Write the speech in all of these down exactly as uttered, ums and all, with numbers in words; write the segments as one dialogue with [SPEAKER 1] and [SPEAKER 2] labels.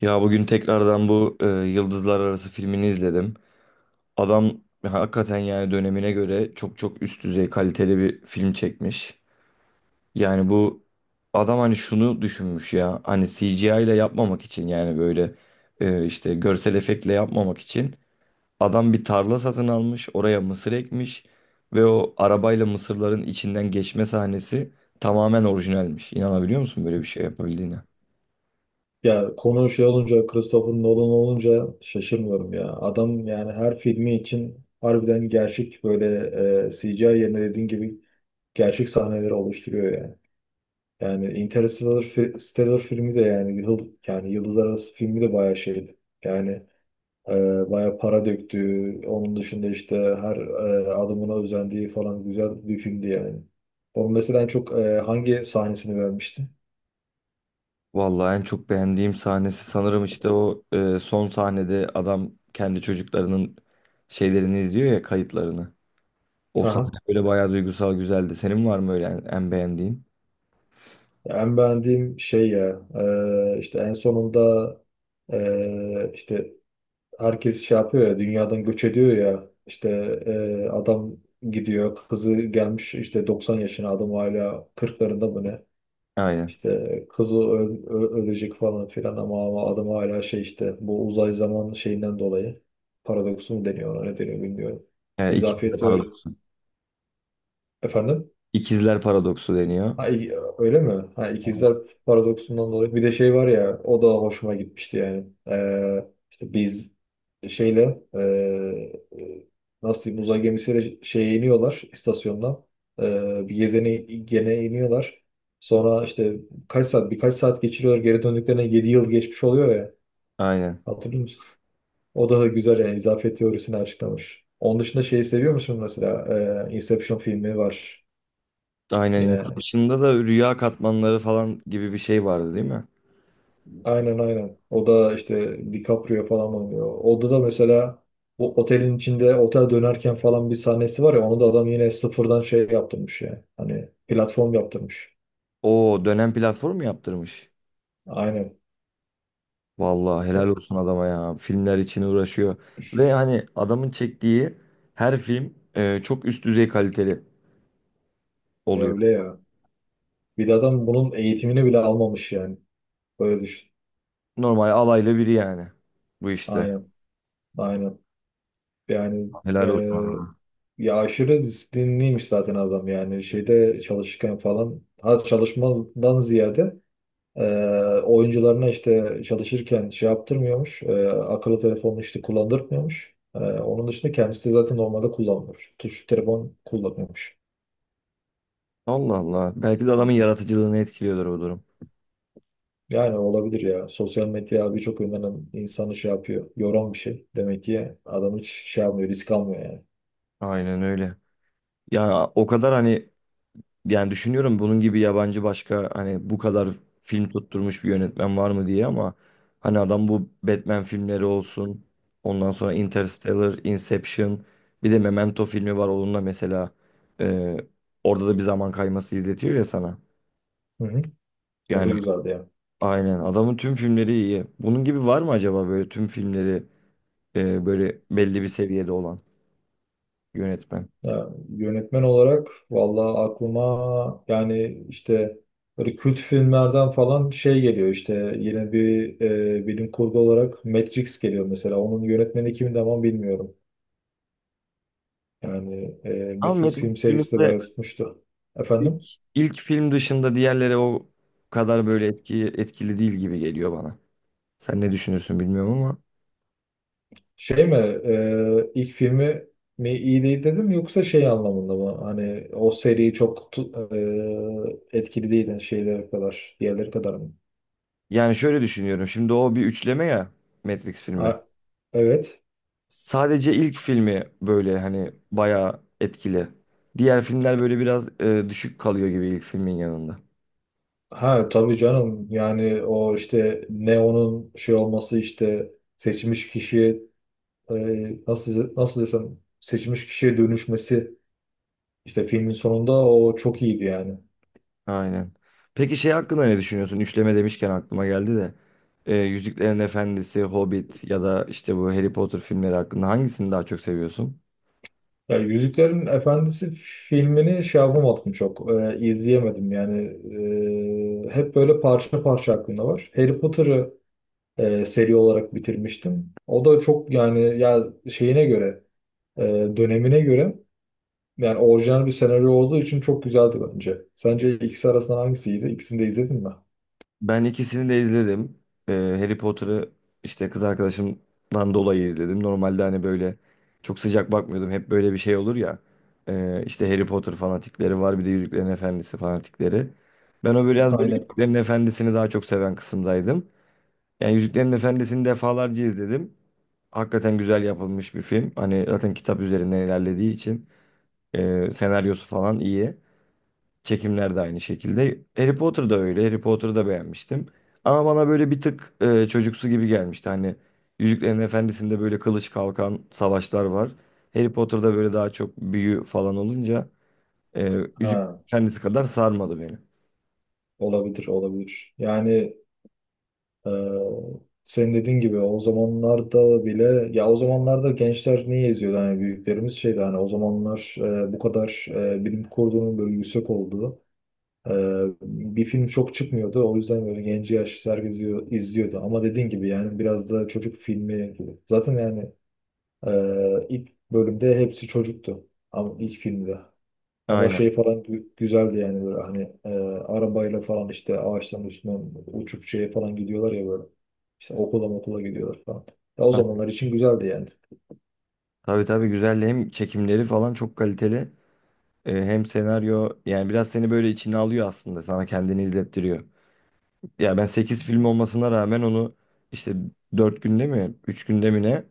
[SPEAKER 1] Ya bugün tekrardan bu e, Yıldızlar Arası filmini izledim. Adam hakikaten yani dönemine göre çok çok üst düzey kaliteli bir film çekmiş. Yani bu adam hani şunu düşünmüş ya hani C G I ile yapmamak için yani böyle e, işte görsel efektle yapmamak için adam bir tarla satın almış oraya mısır ekmiş ve o arabayla mısırların içinden geçme sahnesi tamamen orijinalmiş. İnanabiliyor musun böyle bir şey yapabildiğine?
[SPEAKER 2] Ya konu şey olunca, Christopher Nolan olunca şaşırmıyorum ya. Adam yani her filmi için harbiden gerçek böyle e, C G I yerine dediğin gibi gerçek sahneleri oluşturuyor yani. Yani Interstellar, fi- Stellar filmi de yani yıl, yani Yıldız Arası filmi de bayağı şeydi. Yani e, bayağı para döktü. Onun dışında işte her e, adımına özendiği falan güzel bir filmdi yani. Onun mesela en çok e, hangi sahnesini beğenmiştin?
[SPEAKER 1] Vallahi en çok beğendiğim sahnesi sanırım işte o e, son sahnede adam kendi çocuklarının şeylerini izliyor ya kayıtlarını. O sahne böyle bayağı duygusal güzeldi. Senin var mı öyle en, en beğendiğin?
[SPEAKER 2] En beğendiğim şey ya e, işte en sonunda e, işte herkes şey yapıyor ya dünyadan göç ediyor ya işte e, adam gidiyor, kızı gelmiş işte doksan yaşına, adam hala kırklarında mı ne,
[SPEAKER 1] Aynen.
[SPEAKER 2] işte kızı öl- ö- ölecek falan filan ama, ama, adam hala şey işte bu uzay zaman şeyinden dolayı, paradoksu mu deniyor ona, ne deniyor bilmiyorum.
[SPEAKER 1] E, ikizler
[SPEAKER 2] İzafiyeti öyle.
[SPEAKER 1] paradoksu.
[SPEAKER 2] Efendim?
[SPEAKER 1] İkizler paradoksu deniyor.
[SPEAKER 2] Ha, i- öyle mi? Ha,
[SPEAKER 1] Aynen.
[SPEAKER 2] ikizler paradoksundan dolayı. Bir de şey var ya, o da hoşuma gitmişti yani. Ee, işte biz şeyle ee, e, nasıl diyeyim, uzay gemisiyle şeye iniyorlar istasyondan. Ee, bir gezene gene iniyorlar. Sonra işte kaç saat, birkaç saat geçiriyorlar. Geri döndüklerine yedi yıl geçmiş oluyor ya.
[SPEAKER 1] Aynen.
[SPEAKER 2] Hatırlıyor musun? O da güzel yani, izafiyet teorisini açıklamış. Onun dışında şeyi seviyor musun mesela? Ee, Inception filmi var.
[SPEAKER 1] Aynen.
[SPEAKER 2] Yine
[SPEAKER 1] Inception'da da rüya katmanları falan gibi bir şey vardı değil mi?
[SPEAKER 2] aynen, aynen. O da işte DiCaprio falan oynuyor. Orada da mesela bu otelin içinde otel dönerken falan bir sahnesi var ya, onu da adam yine sıfırdan şey yaptırmış yani. Hani platform yaptırmış.
[SPEAKER 1] O dönem platformu yaptırmış.
[SPEAKER 2] Aynen.
[SPEAKER 1] Vallahi
[SPEAKER 2] Ya,
[SPEAKER 1] helal olsun adama ya. Filmler için uğraşıyor. Ve hani adamın çektiği her film e, çok üst düzey kaliteli oluyor.
[SPEAKER 2] öyle ya. Bir de adam bunun eğitimini bile almamış yani. Böyle düşün.
[SPEAKER 1] Normal alaylı biri yani. Bu işte.
[SPEAKER 2] Aynen. Aynen. Yani e,
[SPEAKER 1] Helal olsun adama.
[SPEAKER 2] ya aşırı disiplinliymiş zaten adam yani. Şeyde çalışırken falan. Ha, çalışmadan ziyade Ee, oyuncularına işte çalışırken şey yaptırmıyormuş. E, akıllı telefonunu işte kullandırmıyormuş. Ee, onun dışında kendisi de zaten normalde kullanmıyor. Tuş telefon kullanıyormuş.
[SPEAKER 1] Allah Allah. Belki de adamın yaratıcılığını etkiliyordur bu durum.
[SPEAKER 2] Yani olabilir ya. Sosyal medya birçok yönden insanı şey yapıyor. Yoran bir şey. Demek ki adam hiç şey yapmıyor, risk almıyor yani.
[SPEAKER 1] Aynen öyle. Ya o kadar hani yani düşünüyorum bunun gibi yabancı başka hani bu kadar film tutturmuş bir yönetmen var mı diye ama hani adam bu Batman filmleri olsun. Ondan sonra Interstellar, Inception, bir de Memento filmi var onunla mesela e, orada da bir zaman kayması izletiyor ya sana.
[SPEAKER 2] Hı hı. O da
[SPEAKER 1] Yani
[SPEAKER 2] güzeldi yani.
[SPEAKER 1] aynen adamın tüm filmleri iyi. Bunun gibi var mı acaba böyle tüm filmleri e, böyle belli bir seviyede olan yönetmen?
[SPEAKER 2] Ya, yönetmen olarak vallahi aklıma yani işte böyle kült filmlerden falan şey geliyor, işte yine bir e, bilim kurgu olarak Matrix geliyor mesela. Onun yönetmeni kimdi ama, bilmiyorum. Yani e,
[SPEAKER 1] Ama
[SPEAKER 2] Matrix
[SPEAKER 1] Matt
[SPEAKER 2] film serisi de
[SPEAKER 1] Smith'le
[SPEAKER 2] bayağı tutmuştu.
[SPEAKER 1] İlk,
[SPEAKER 2] Efendim?
[SPEAKER 1] ilk film dışında diğerleri o kadar böyle etki, etkili değil gibi geliyor bana. Sen ne düşünürsün bilmiyorum ama.
[SPEAKER 2] Şey mi e, ilk filmi mi iyi değil dedim, yoksa şey anlamında mı? Hani o seri çok tu- e, etkili değil yani şeyler kadar, diğerleri kadar mı?
[SPEAKER 1] Yani şöyle düşünüyorum. Şimdi o bir üçleme ya Matrix filmi.
[SPEAKER 2] A- evet.
[SPEAKER 1] Sadece ilk filmi böyle hani bayağı etkili. Diğer filmler böyle biraz e, düşük kalıyor gibi ilk filmin yanında.
[SPEAKER 2] Ha, tabii canım, yani o işte Neo'nun şey olması, işte seçmiş kişiye e, nasıl nasıl desem, seçmiş kişiye dönüşmesi, işte filmin sonunda, o çok iyiydi yani.
[SPEAKER 1] Aynen. Peki şey hakkında ne düşünüyorsun? Üçleme demişken aklıma geldi de. E, Yüzüklerin Efendisi, Hobbit ya da işte bu Harry Potter filmleri hakkında hangisini daha çok seviyorsun?
[SPEAKER 2] Ya Yüzüklerin Efendisi filmini şey yapamadım, çok e, izleyemedim yani, e, hep böyle parça parça aklımda var. Harry Potter'ı e, seri olarak bitirmiştim. O da çok yani, ya şeyine göre e, dönemine göre, yani orijinal bir senaryo olduğu için çok güzeldi bence. Sence ikisi arasından hangisiydi? İkisini de izledin mi?
[SPEAKER 1] Ben ikisini de izledim. Ee, Harry Potter'ı işte kız arkadaşımdan dolayı izledim. Normalde hani böyle çok sıcak bakmıyordum. Hep böyle bir şey olur ya. Ee, işte Harry Potter fanatikleri var bir de Yüzüklerin Efendisi fanatikleri. Ben o biraz böyle
[SPEAKER 2] Aynen.
[SPEAKER 1] Yüzüklerin Efendisi'ni daha çok seven kısımdaydım. Yani Yüzüklerin Efendisi'ni defalarca izledim. Hakikaten güzel yapılmış bir film. Hani zaten kitap üzerinden ilerlediği için e, senaryosu falan iyi. Çekimler de aynı şekilde. Harry Potter da öyle. Harry Potter'ı da beğenmiştim. Ama bana böyle bir tık e, çocuksu gibi gelmişti. Hani Yüzüklerin Efendisi'nde böyle kılıç kalkan savaşlar var. Harry Potter'da böyle daha çok büyü falan olunca e, Yüzüklerin
[SPEAKER 2] Ha,
[SPEAKER 1] Efendisi kadar sarmadı beni.
[SPEAKER 2] olabilir, olabilir. Yani e, senin dediğin gibi o zamanlarda bile, ya o zamanlarda gençler niye izliyordu? Hani büyüklerimiz şeydi, hani o zamanlar e, bu kadar e, bilim kurgunun böyle yüksek olduğu Ee, bir film çok çıkmıyordu. O yüzden böyle genci yaş herkes izliyor- izliyordu. Ama dediğin gibi yani biraz da çocuk filmi. Zaten yani e, ilk bölümde hepsi çocuktu. Ama ilk filmde. Ama
[SPEAKER 1] Aynen.
[SPEAKER 2] şey falan gü- güzeldi yani, böyle hani e, arabayla falan işte ağaçların üstünden uçup şeye falan gidiyorlar ya böyle. İşte okula okula gidiyorlar falan. Ya o
[SPEAKER 1] Ha,
[SPEAKER 2] zamanlar için güzeldi yani.
[SPEAKER 1] tabii tabii güzel. Hem çekimleri falan çok kaliteli. E, hem senaryo yani biraz seni böyle içine alıyor aslında. Sana kendini izlettiriyor. Ya ben sekiz film olmasına rağmen onu işte dört günde mi üç günde mi ne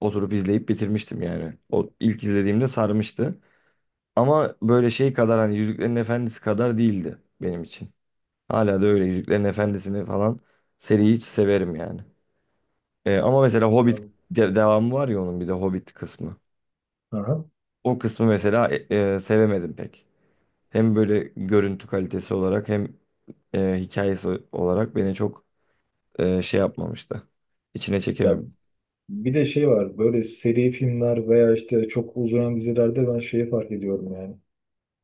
[SPEAKER 1] oturup izleyip bitirmiştim yani. O ilk izlediğimde sarmıştı. Ama böyle şey kadar hani Yüzüklerin Efendisi kadar değildi benim için. Hala da öyle Yüzüklerin Efendisi'ni falan seriyi hiç severim yani. Ee, ama mesela Hobbit de- devamı var ya onun bir de Hobbit kısmı.
[SPEAKER 2] Aha.
[SPEAKER 1] O kısmı mesela e, e, sevemedim pek. Hem böyle görüntü kalitesi olarak hem e, hikayesi olarak beni çok e, şey yapmamıştı. İçine
[SPEAKER 2] Ya
[SPEAKER 1] çekememiş.
[SPEAKER 2] bir de şey var, böyle seri filmler veya işte çok uzayan dizilerde ben şeyi fark ediyorum yani.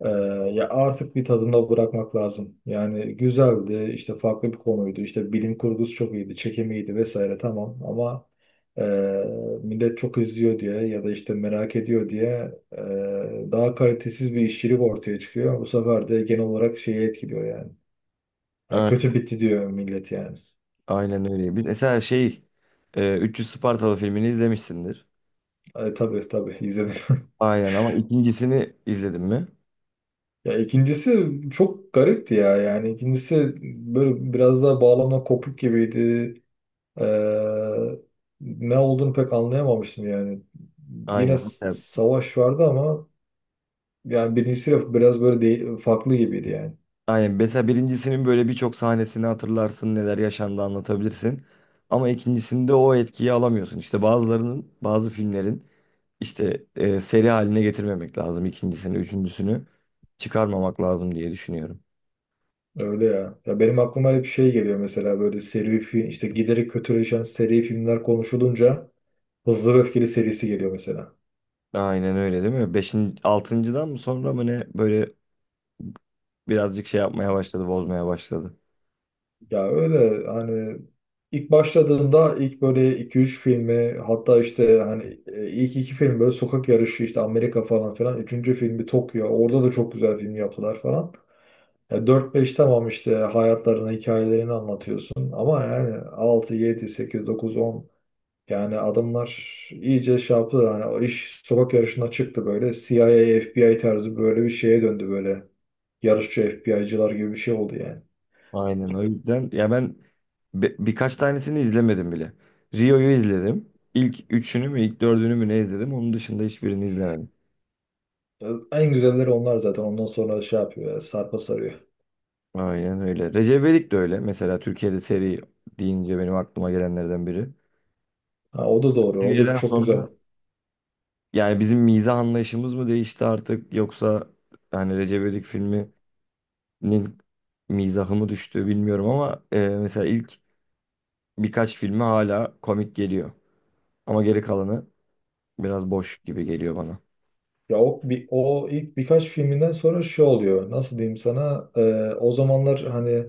[SPEAKER 2] Ee, Ya artık bir tadında bırakmak lazım. Yani güzeldi, işte farklı bir konuydu, işte bilim kurgusu çok iyiydi, çekimi iyiydi vesaire, tamam, ama e, millet çok izliyor diye, ya da işte merak ediyor diye e, daha kalitesiz bir işçilik ortaya çıkıyor. Bu sefer de genel olarak şeyi etkiliyor yani. Yani
[SPEAKER 1] Aynen,
[SPEAKER 2] kötü bitti diyor millet yani.
[SPEAKER 1] aynen öyle. Biz mesela şey e, üç yüz Spartalı filmini izlemişsindir.
[SPEAKER 2] E, tabii, tabii izledim.
[SPEAKER 1] Aynen ama ikincisini izledin mi?
[SPEAKER 2] Ya ikincisi çok garipti ya, yani ikincisi böyle biraz daha bağlamla kopuk gibiydi. Ee, Ne olduğunu pek anlayamamıştım yani. Yine
[SPEAKER 1] Aynen.
[SPEAKER 2] s-
[SPEAKER 1] Mesela,
[SPEAKER 2] savaş vardı ama, yani birincisi de biraz böyle değil, farklı gibiydi yani.
[SPEAKER 1] aynen. Mesela birincisinin böyle birçok sahnesini hatırlarsın, neler yaşandı anlatabilirsin. Ama ikincisinde o etkiyi alamıyorsun. İşte bazılarının, bazı filmlerin İşte e, seri haline getirmemek lazım. İkincisini, üçüncüsünü çıkarmamak lazım diye düşünüyorum.
[SPEAKER 2] Öyle ya. Ya benim aklıma hep bir şey geliyor, mesela böyle seri film, işte giderek kötüleşen seri filmler konuşulunca Hızlı ve Öfkeli serisi geliyor mesela.
[SPEAKER 1] Aynen öyle değil mi? Beşinci, altıncıdan mı sonra mı ne böyle birazcık şey yapmaya başladı, bozmaya başladı.
[SPEAKER 2] Ya öyle hani, ilk başladığında ilk böyle iki üç filmi, hatta işte hani e, ilk iki film böyle sokak yarışı, işte Amerika falan filan. Üçüncü filmi Tokyo. Orada da çok güzel film yaptılar falan. Ya dört beş tamam, işte hayatlarını, hikayelerini anlatıyorsun. Ama yani altı, yedi, sekiz, dokuz, on, yani adamlar iyice şey yaptı. Yani o iş sokak yarışına çıktı böyle. C I A, F B I tarzı böyle bir şeye döndü böyle. Yarışçı F B I'cılar gibi bir şey oldu yani.
[SPEAKER 1] Aynen o yüzden ya ben bi- birkaç tanesini izlemedim bile. Rio'yu izledim. İlk üçünü mü ilk dördünü mü ne izledim. Onun dışında hiçbirini izlemedim.
[SPEAKER 2] Ya, en güzelleri onlar zaten. Ondan sonra şey yapıyor ya, sarpa sarıyor.
[SPEAKER 1] Aynen öyle. Recep İvedik de öyle. Mesela Türkiye'de seri deyince benim aklıma gelenlerden biri.
[SPEAKER 2] Ha, o da doğru. O da
[SPEAKER 1] Seviyeden
[SPEAKER 2] çok güzel.
[SPEAKER 1] sonra yani bizim mizah anlayışımız mı değişti artık yoksa hani Recep İvedik filminin mizahı mı düştü bilmiyorum ama e, mesela ilk birkaç filmi hala komik geliyor. Ama geri kalanı biraz boş gibi geliyor bana.
[SPEAKER 2] Ya o, bir, o ilk birkaç filminden sonra şey oluyor. Nasıl diyeyim sana? Ee, o zamanlar hani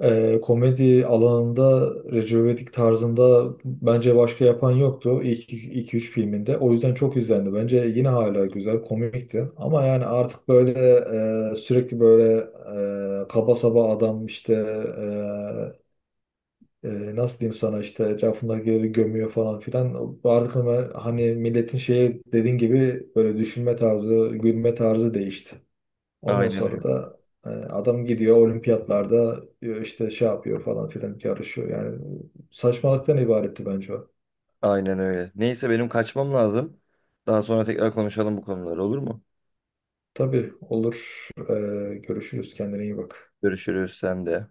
[SPEAKER 2] e, komedi alanında Recep İvedik tarzında bence başka yapan yoktu. İlk iki üç filminde. O yüzden çok izlendi. Bence yine hala güzel, komikti. Ama yani artık böyle e, sürekli böyle e, kaba saba adam işte e, e, nasıl diyeyim sana, işte etrafındakileri gömüyor falan filan. Bu artık, ama hani milletin şeye, dediğin gibi böyle düşünme tarzı, gülme tarzı değişti. Ondan
[SPEAKER 1] Aynen
[SPEAKER 2] sonra
[SPEAKER 1] öyle.
[SPEAKER 2] da e, adam gidiyor olimpiyatlarda e, işte şey yapıyor falan filan, yarışıyor. Yani saçmalıktan ibaretti bence o.
[SPEAKER 1] Aynen öyle. Neyse benim kaçmam lazım. Daha sonra tekrar konuşalım bu konuları olur mu?
[SPEAKER 2] Tabii, olur. E, görüşürüz. Kendine iyi bak.
[SPEAKER 1] Görüşürüz sen de.